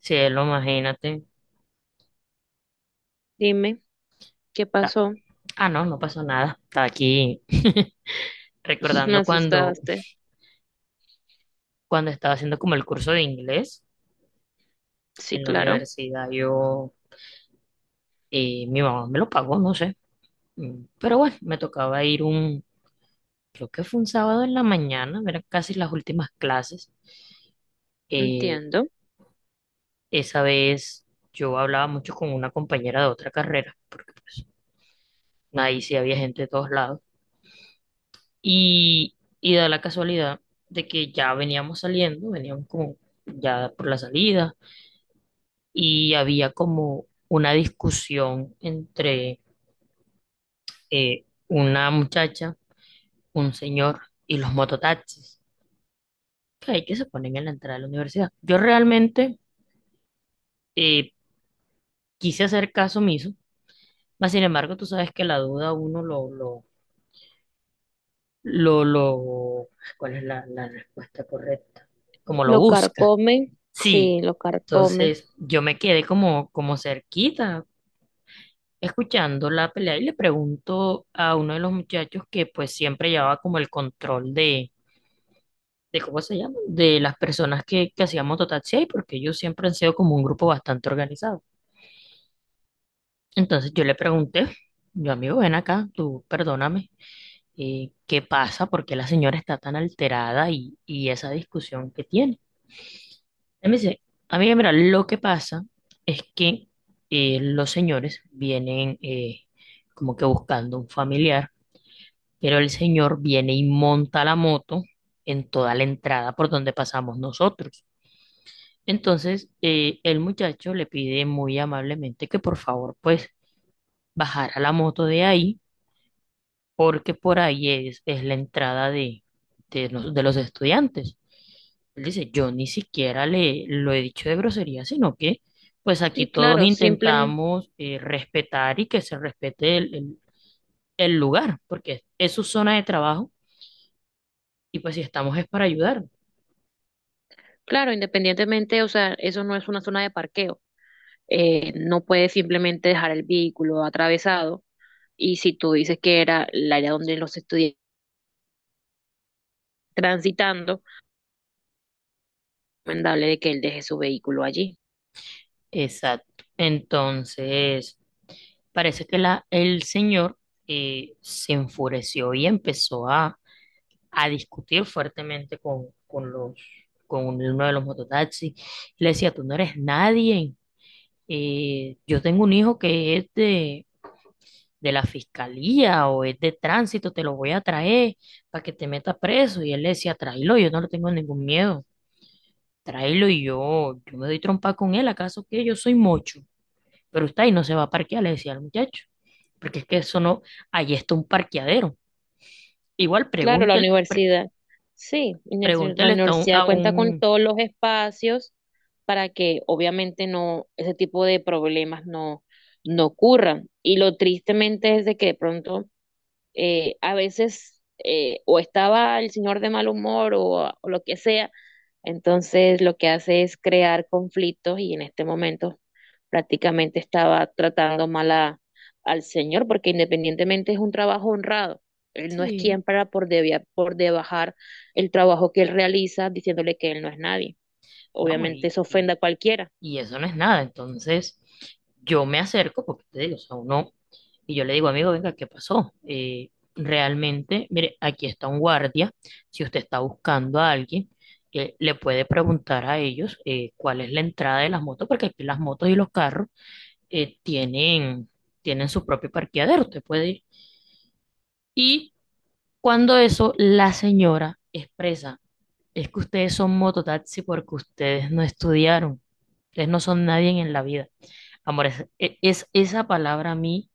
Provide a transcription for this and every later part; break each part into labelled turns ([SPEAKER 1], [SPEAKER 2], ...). [SPEAKER 1] Cielo, imagínate.
[SPEAKER 2] Dime, ¿qué
[SPEAKER 1] Ta-
[SPEAKER 2] pasó?
[SPEAKER 1] No pasó nada. Estaba aquí
[SPEAKER 2] Me
[SPEAKER 1] recordando
[SPEAKER 2] asustaste.
[SPEAKER 1] cuando estaba haciendo como el curso de inglés
[SPEAKER 2] Sí,
[SPEAKER 1] en la
[SPEAKER 2] claro,
[SPEAKER 1] universidad. Mi mamá me lo pagó, no sé. Pero bueno, me tocaba ir un, creo que fue un sábado en la mañana, eran casi las últimas clases. Eh,
[SPEAKER 2] entiendo.
[SPEAKER 1] Esa vez yo hablaba mucho con una compañera de otra carrera, porque pues ahí sí había gente de todos lados. Y da la casualidad de que ya veníamos saliendo, veníamos como ya por la salida y había como una discusión entre una muchacha, un señor y los mototaxis que hay que se ponen en la entrada de la universidad. Yo realmente eh, quise hacer caso omiso, mas sin embargo tú sabes que la duda uno lo, ¿cuál es la respuesta correcta? Como lo
[SPEAKER 2] Lo
[SPEAKER 1] busca.
[SPEAKER 2] carcome, sí,
[SPEAKER 1] Sí,
[SPEAKER 2] lo carcome.
[SPEAKER 1] entonces yo me quedé como cerquita escuchando la pelea y le pregunto a uno de los muchachos que pues siempre llevaba como el control de ¿cómo se llama? De las personas que hacían mototaxi ahí, porque ellos siempre han sido como un grupo bastante organizado. Entonces yo le pregunté, yo amigo, ven acá, tú perdóname, ¿qué pasa? ¿Por qué la señora está tan alterada y esa discusión que tiene? Déjame decir, a mí, mira, lo que pasa es que los señores vienen como que buscando un familiar, pero el señor viene y monta la moto en toda la entrada por donde pasamos nosotros. Entonces, el muchacho le pide muy amablemente que por favor, pues, bajara la moto de ahí porque por ahí es la entrada de los estudiantes. Él dice, yo ni siquiera le lo he dicho de grosería, sino que pues aquí
[SPEAKER 2] Sí,
[SPEAKER 1] todos
[SPEAKER 2] claro, simplemente,
[SPEAKER 1] intentamos respetar y que se respete el lugar, porque es su zona de trabajo y pues si estamos es para ayudar.
[SPEAKER 2] claro, independientemente, o sea, eso no es una zona de parqueo. No puedes simplemente dejar el vehículo atravesado. Y si tú dices que era el área donde los estudiantes transitando, recomendable de que él deje su vehículo allí.
[SPEAKER 1] Exacto. Entonces, parece que el señor se enfureció y empezó a discutir fuertemente con uno de los mototaxis. Le decía, tú no eres nadie. Yo tengo un hijo que es de la fiscalía o es de tránsito, te lo voy a traer para que te metas preso. Y él le decía, tráelo, yo no le tengo ningún miedo. Tráelo yo me doy trompa con él, ¿acaso que yo soy mocho? Pero está ahí, no se va a parquear, le decía al muchacho. Porque es que eso no, ahí está un parqueadero. Igual
[SPEAKER 2] Claro, la
[SPEAKER 1] pregúntele,
[SPEAKER 2] universidad. Sí, y la
[SPEAKER 1] pregúntele esto a a
[SPEAKER 2] universidad cuenta con
[SPEAKER 1] un-
[SPEAKER 2] todos los espacios para que obviamente no, ese tipo de problemas no, no ocurran. Y lo tristemente es de que de pronto a veces o estaba el señor de mal humor o lo que sea, entonces lo que hace es crear conflictos y en este momento prácticamente estaba tratando mal a- al señor porque independientemente es un trabajo honrado. Él no es
[SPEAKER 1] sí,
[SPEAKER 2] quien para por, debia- por debajar el trabajo que él realiza diciéndole que él no es nadie.
[SPEAKER 1] ¿no?
[SPEAKER 2] Obviamente eso ofende a cualquiera.
[SPEAKER 1] Y eso no es nada. Entonces, yo me acerco, porque te digo, o sea, uno, y yo le digo, amigo, venga, ¿qué pasó? Realmente, mire, aquí está un guardia. Si usted está buscando a alguien, le puede preguntar a ellos cuál es la entrada de las motos, porque aquí las motos y los carros eh, tienen, tienen su propio parqueadero, usted puede ir. Y cuando eso, la señora expresa, es que ustedes son mototaxi porque ustedes no estudiaron. Ustedes no son nadie en la vida. Amor, esa palabra a mí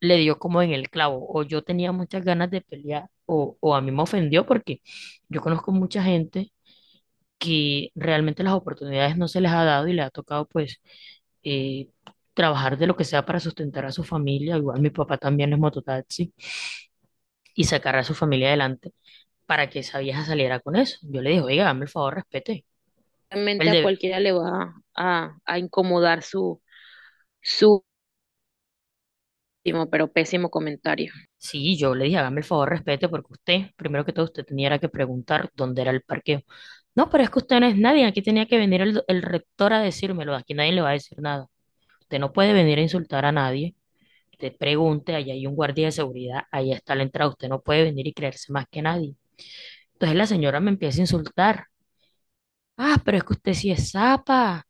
[SPEAKER 1] le dio como en el clavo. O yo tenía muchas ganas de pelear, o a mí me ofendió porque yo conozco mucha gente que realmente las oportunidades no se les ha dado y le ha tocado pues eh, trabajar de lo que sea para sustentar a su familia. Igual mi papá también es mototaxi y sacar a su familia adelante para que esa vieja saliera con eso. Yo le dije, oiga, dame el favor, respete. El,
[SPEAKER 2] Realmente a
[SPEAKER 1] de-
[SPEAKER 2] cualquiera le va a incomodar su, su último pero pésimo comentario.
[SPEAKER 1] Sí, yo le dije, hágame el favor, respete, porque usted, primero que todo, usted tenía que preguntar dónde era el parqueo. No, pero es que usted no es nadie, aquí tenía que venir el rector a decírmelo, aquí nadie le va a decir nada. Usted no puede venir a insultar a nadie, usted pregunte, allá hay un guardia de seguridad, ahí está la entrada, usted no puede venir y creerse más que nadie. Entonces la señora me empieza a insultar. Ah, pero es que usted sí es zapa,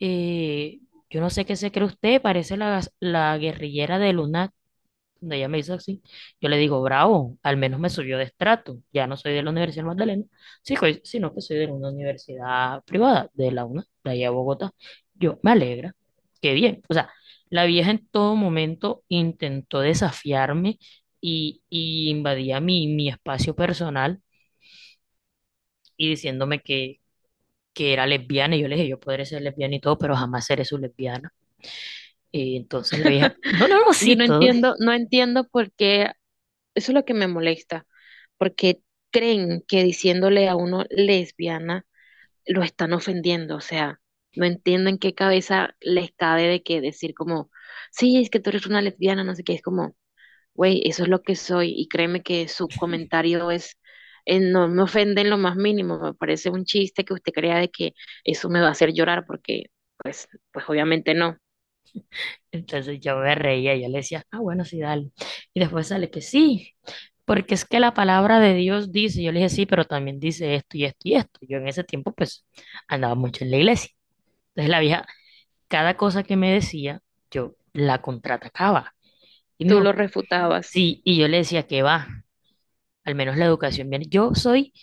[SPEAKER 1] eh, yo no sé qué se cree usted, parece la guerrillera de donde ella me dice así, yo le digo, bravo, al menos me subió de estrato. Ya no soy de la Universidad Magdalena, sí, sino que soy de una universidad privada, de la UNA, de allá de Bogotá. Yo, me alegra, qué bien. O sea, la vieja en todo momento intentó desafiarme y invadía mi espacio personal y diciéndome que era lesbiana. Y yo le dije, yo podré ser lesbiana y todo, pero jamás seré su lesbiana. Y entonces la vieja, no, no, no,
[SPEAKER 2] Yo
[SPEAKER 1] sí,
[SPEAKER 2] no
[SPEAKER 1] todo,
[SPEAKER 2] entiendo, no entiendo por qué, eso es lo que me molesta, porque creen que diciéndole a uno lesbiana lo están ofendiendo, o sea, no entiendo en qué cabeza les cabe de que decir como, sí, es que tú eres una lesbiana, no sé qué, es como, güey, eso es lo que soy y créeme que su comentario es, no me ofende en lo más mínimo, me parece un chiste que usted crea de que eso me va a hacer llorar porque, pues, pues obviamente no,
[SPEAKER 1] entonces yo me reía, yo le decía, ah, bueno, sí, dale. Y después sale que sí, porque es que la palabra de Dios dice, yo le dije, sí, pero también dice esto y esto y esto. Yo en ese tiempo, pues, andaba mucho en la iglesia. Entonces la vieja, cada cosa que me decía, yo la contraatacaba. Y me
[SPEAKER 2] tú lo
[SPEAKER 1] dijo,
[SPEAKER 2] refutabas.
[SPEAKER 1] sí, y yo le decía que va, al menos la educación viene. Yo soy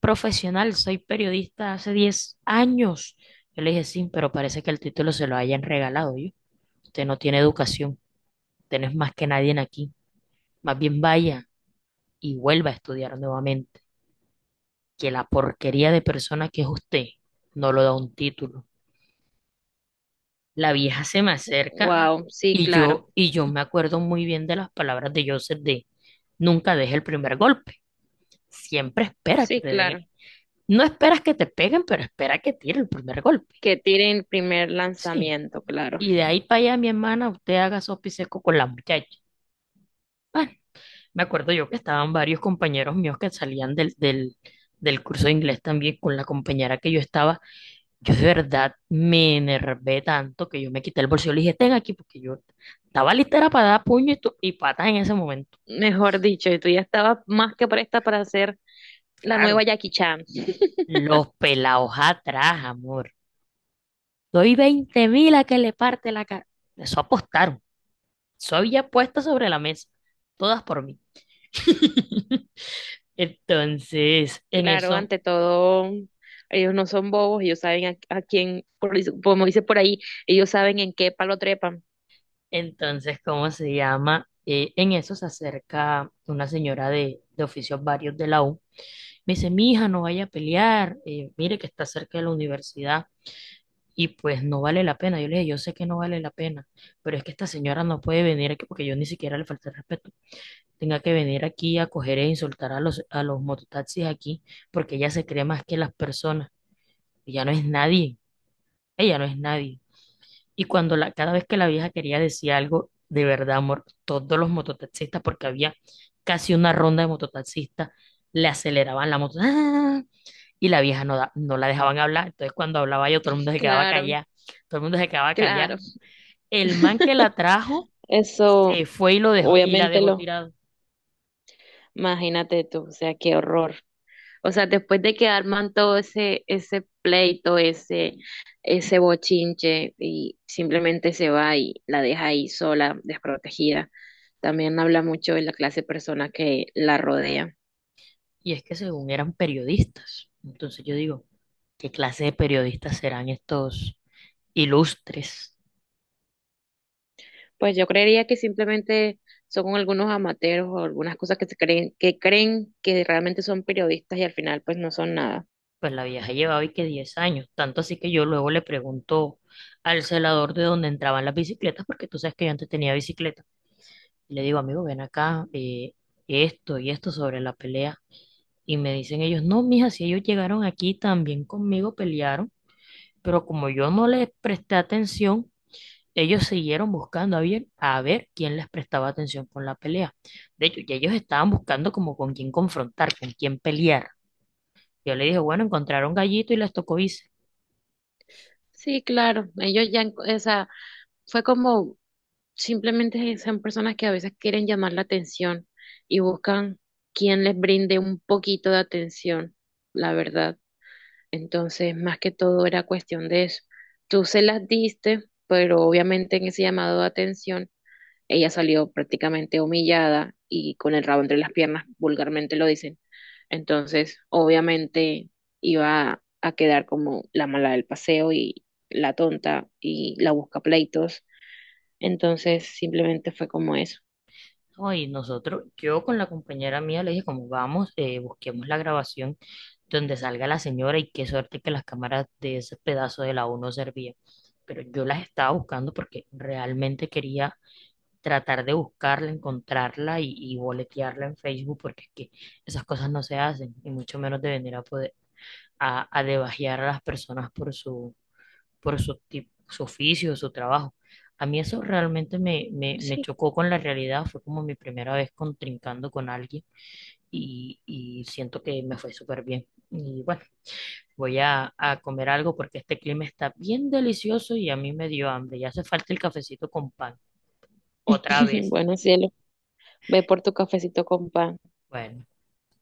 [SPEAKER 1] profesional, soy periodista hace 10 años. Yo le dije, sí, pero parece que el título se lo hayan regalado yo. Usted no tiene educación, usted no es más que nadie en aquí. Más bien vaya y vuelva a estudiar nuevamente, que la porquería de persona que es usted no lo da un título. La vieja se me acerca
[SPEAKER 2] Wow, sí, claro,
[SPEAKER 1] y yo me acuerdo muy bien de las palabras de Joseph de nunca deje el primer golpe. Siempre espera que
[SPEAKER 2] sí,
[SPEAKER 1] te den el-
[SPEAKER 2] claro.
[SPEAKER 1] no esperas que te peguen, pero espera que tire el primer golpe.
[SPEAKER 2] Que tiren el primer
[SPEAKER 1] Sí.
[SPEAKER 2] lanzamiento, claro.
[SPEAKER 1] Y de ahí para allá, mi hermana, usted haga sopa y seco con la muchacha. Bueno, me acuerdo yo que estaban varios compañeros míos que salían del curso de inglés también con la compañera que yo estaba. Yo de verdad me enervé tanto que yo me quité el bolsillo y le dije, ten aquí, porque yo estaba listera para dar puño y patas en ese momento.
[SPEAKER 2] Mejor dicho, y tú ya estabas más que presta para hacer la nueva
[SPEAKER 1] Claro,
[SPEAKER 2] Jackie Chan.
[SPEAKER 1] los pelados atrás, amor. Doy 20.000 a que le parte la cara. Eso apostaron. Eso había puesto sobre la mesa. Todas por mí. Entonces, en
[SPEAKER 2] Claro,
[SPEAKER 1] eso,
[SPEAKER 2] ante todo, ellos no son bobos, ellos saben a quién, por- como dice por ahí, ellos saben en qué palo trepan.
[SPEAKER 1] entonces, ¿cómo se llama? En eso se acerca una señora de oficios varios de la U. Me dice, mi hija, no vaya a pelear, mire que está cerca de la universidad y pues no vale la pena. Yo le dije, yo sé que no vale la pena, pero es que esta señora no puede venir aquí porque yo ni siquiera le falté el respeto. Tenga que venir aquí a coger e insultar a a los mototaxis aquí porque ella se cree más que las personas. Ella no es nadie, ella no es nadie. Y cuando la, cada vez que la vieja quería decir algo, de verdad, amor, todos los mototaxistas, porque había casi una ronda de mototaxistas, le aceleraban la moto. ¡Ah! Y la vieja no la dejaban hablar. Entonces, cuando hablaba yo, todo el mundo se quedaba
[SPEAKER 2] Claro,
[SPEAKER 1] callado. Todo el mundo se quedaba callado.
[SPEAKER 2] claro.
[SPEAKER 1] El man que la trajo
[SPEAKER 2] Eso,
[SPEAKER 1] se fue y la
[SPEAKER 2] obviamente
[SPEAKER 1] dejó
[SPEAKER 2] lo,
[SPEAKER 1] tirada.
[SPEAKER 2] imagínate tú, o sea, qué horror. O sea, después de que arman todo ese, ese pleito, ese bochinche, y simplemente se va y la deja ahí sola, desprotegida. También habla mucho de la clase de persona que la rodea.
[SPEAKER 1] Y es que según eran periodistas. Entonces yo digo, ¿qué clase de periodistas serán estos ilustres?
[SPEAKER 2] Pues yo creería que simplemente son algunos amateros o algunas cosas que se creen que realmente son periodistas y al final pues no son nada.
[SPEAKER 1] Pues la vieja llevaba y que 10 años. Tanto así que yo luego le pregunto al celador de dónde entraban las bicicletas, porque tú sabes que yo antes tenía bicicleta. Y le digo, amigo, ven acá, esto y esto sobre la pelea. Y me dicen ellos, no, mija, si ellos llegaron aquí también conmigo pelearon, pero como yo no les presté atención, ellos siguieron buscando a ver quién les prestaba atención con la pelea. De hecho, ya ellos estaban buscando como con quién confrontar, con quién pelear. Yo le dije, bueno, encontraron gallito y les tocó irse.
[SPEAKER 2] Sí, claro, ellos ya, en- o sea, fue como. Simplemente son personas que a veces quieren llamar la atención y buscan quien les brinde un poquito de atención, la verdad. Entonces, más que todo era cuestión de eso. Tú se las diste, pero obviamente en ese llamado de atención, ella salió prácticamente humillada y con el rabo entre las piernas, vulgarmente lo dicen. Entonces, obviamente iba a quedar como la mala del paseo y la tonta y la busca pleitos, entonces simplemente fue como eso.
[SPEAKER 1] Hoy nosotros, yo con la compañera mía le dije, como vamos, busquemos la grabación donde salga la señora y qué suerte que las cámaras de ese pedazo de la U no servían. Pero yo las estaba buscando porque realmente quería tratar de buscarla, encontrarla y boletearla en Facebook porque es que esas cosas no se hacen y mucho menos de venir a poder a debajear a las personas por su su oficio, su trabajo. A mí eso realmente me
[SPEAKER 2] Sí,
[SPEAKER 1] chocó con la realidad, fue como mi primera vez contrincando con alguien y siento que me fue súper bien. Y bueno, voy a comer algo porque este clima está bien delicioso y a mí me dio hambre, ya hace falta el cafecito con pan, otra vez.
[SPEAKER 2] bueno, cielo, ve por tu cafecito con pan.
[SPEAKER 1] Bueno.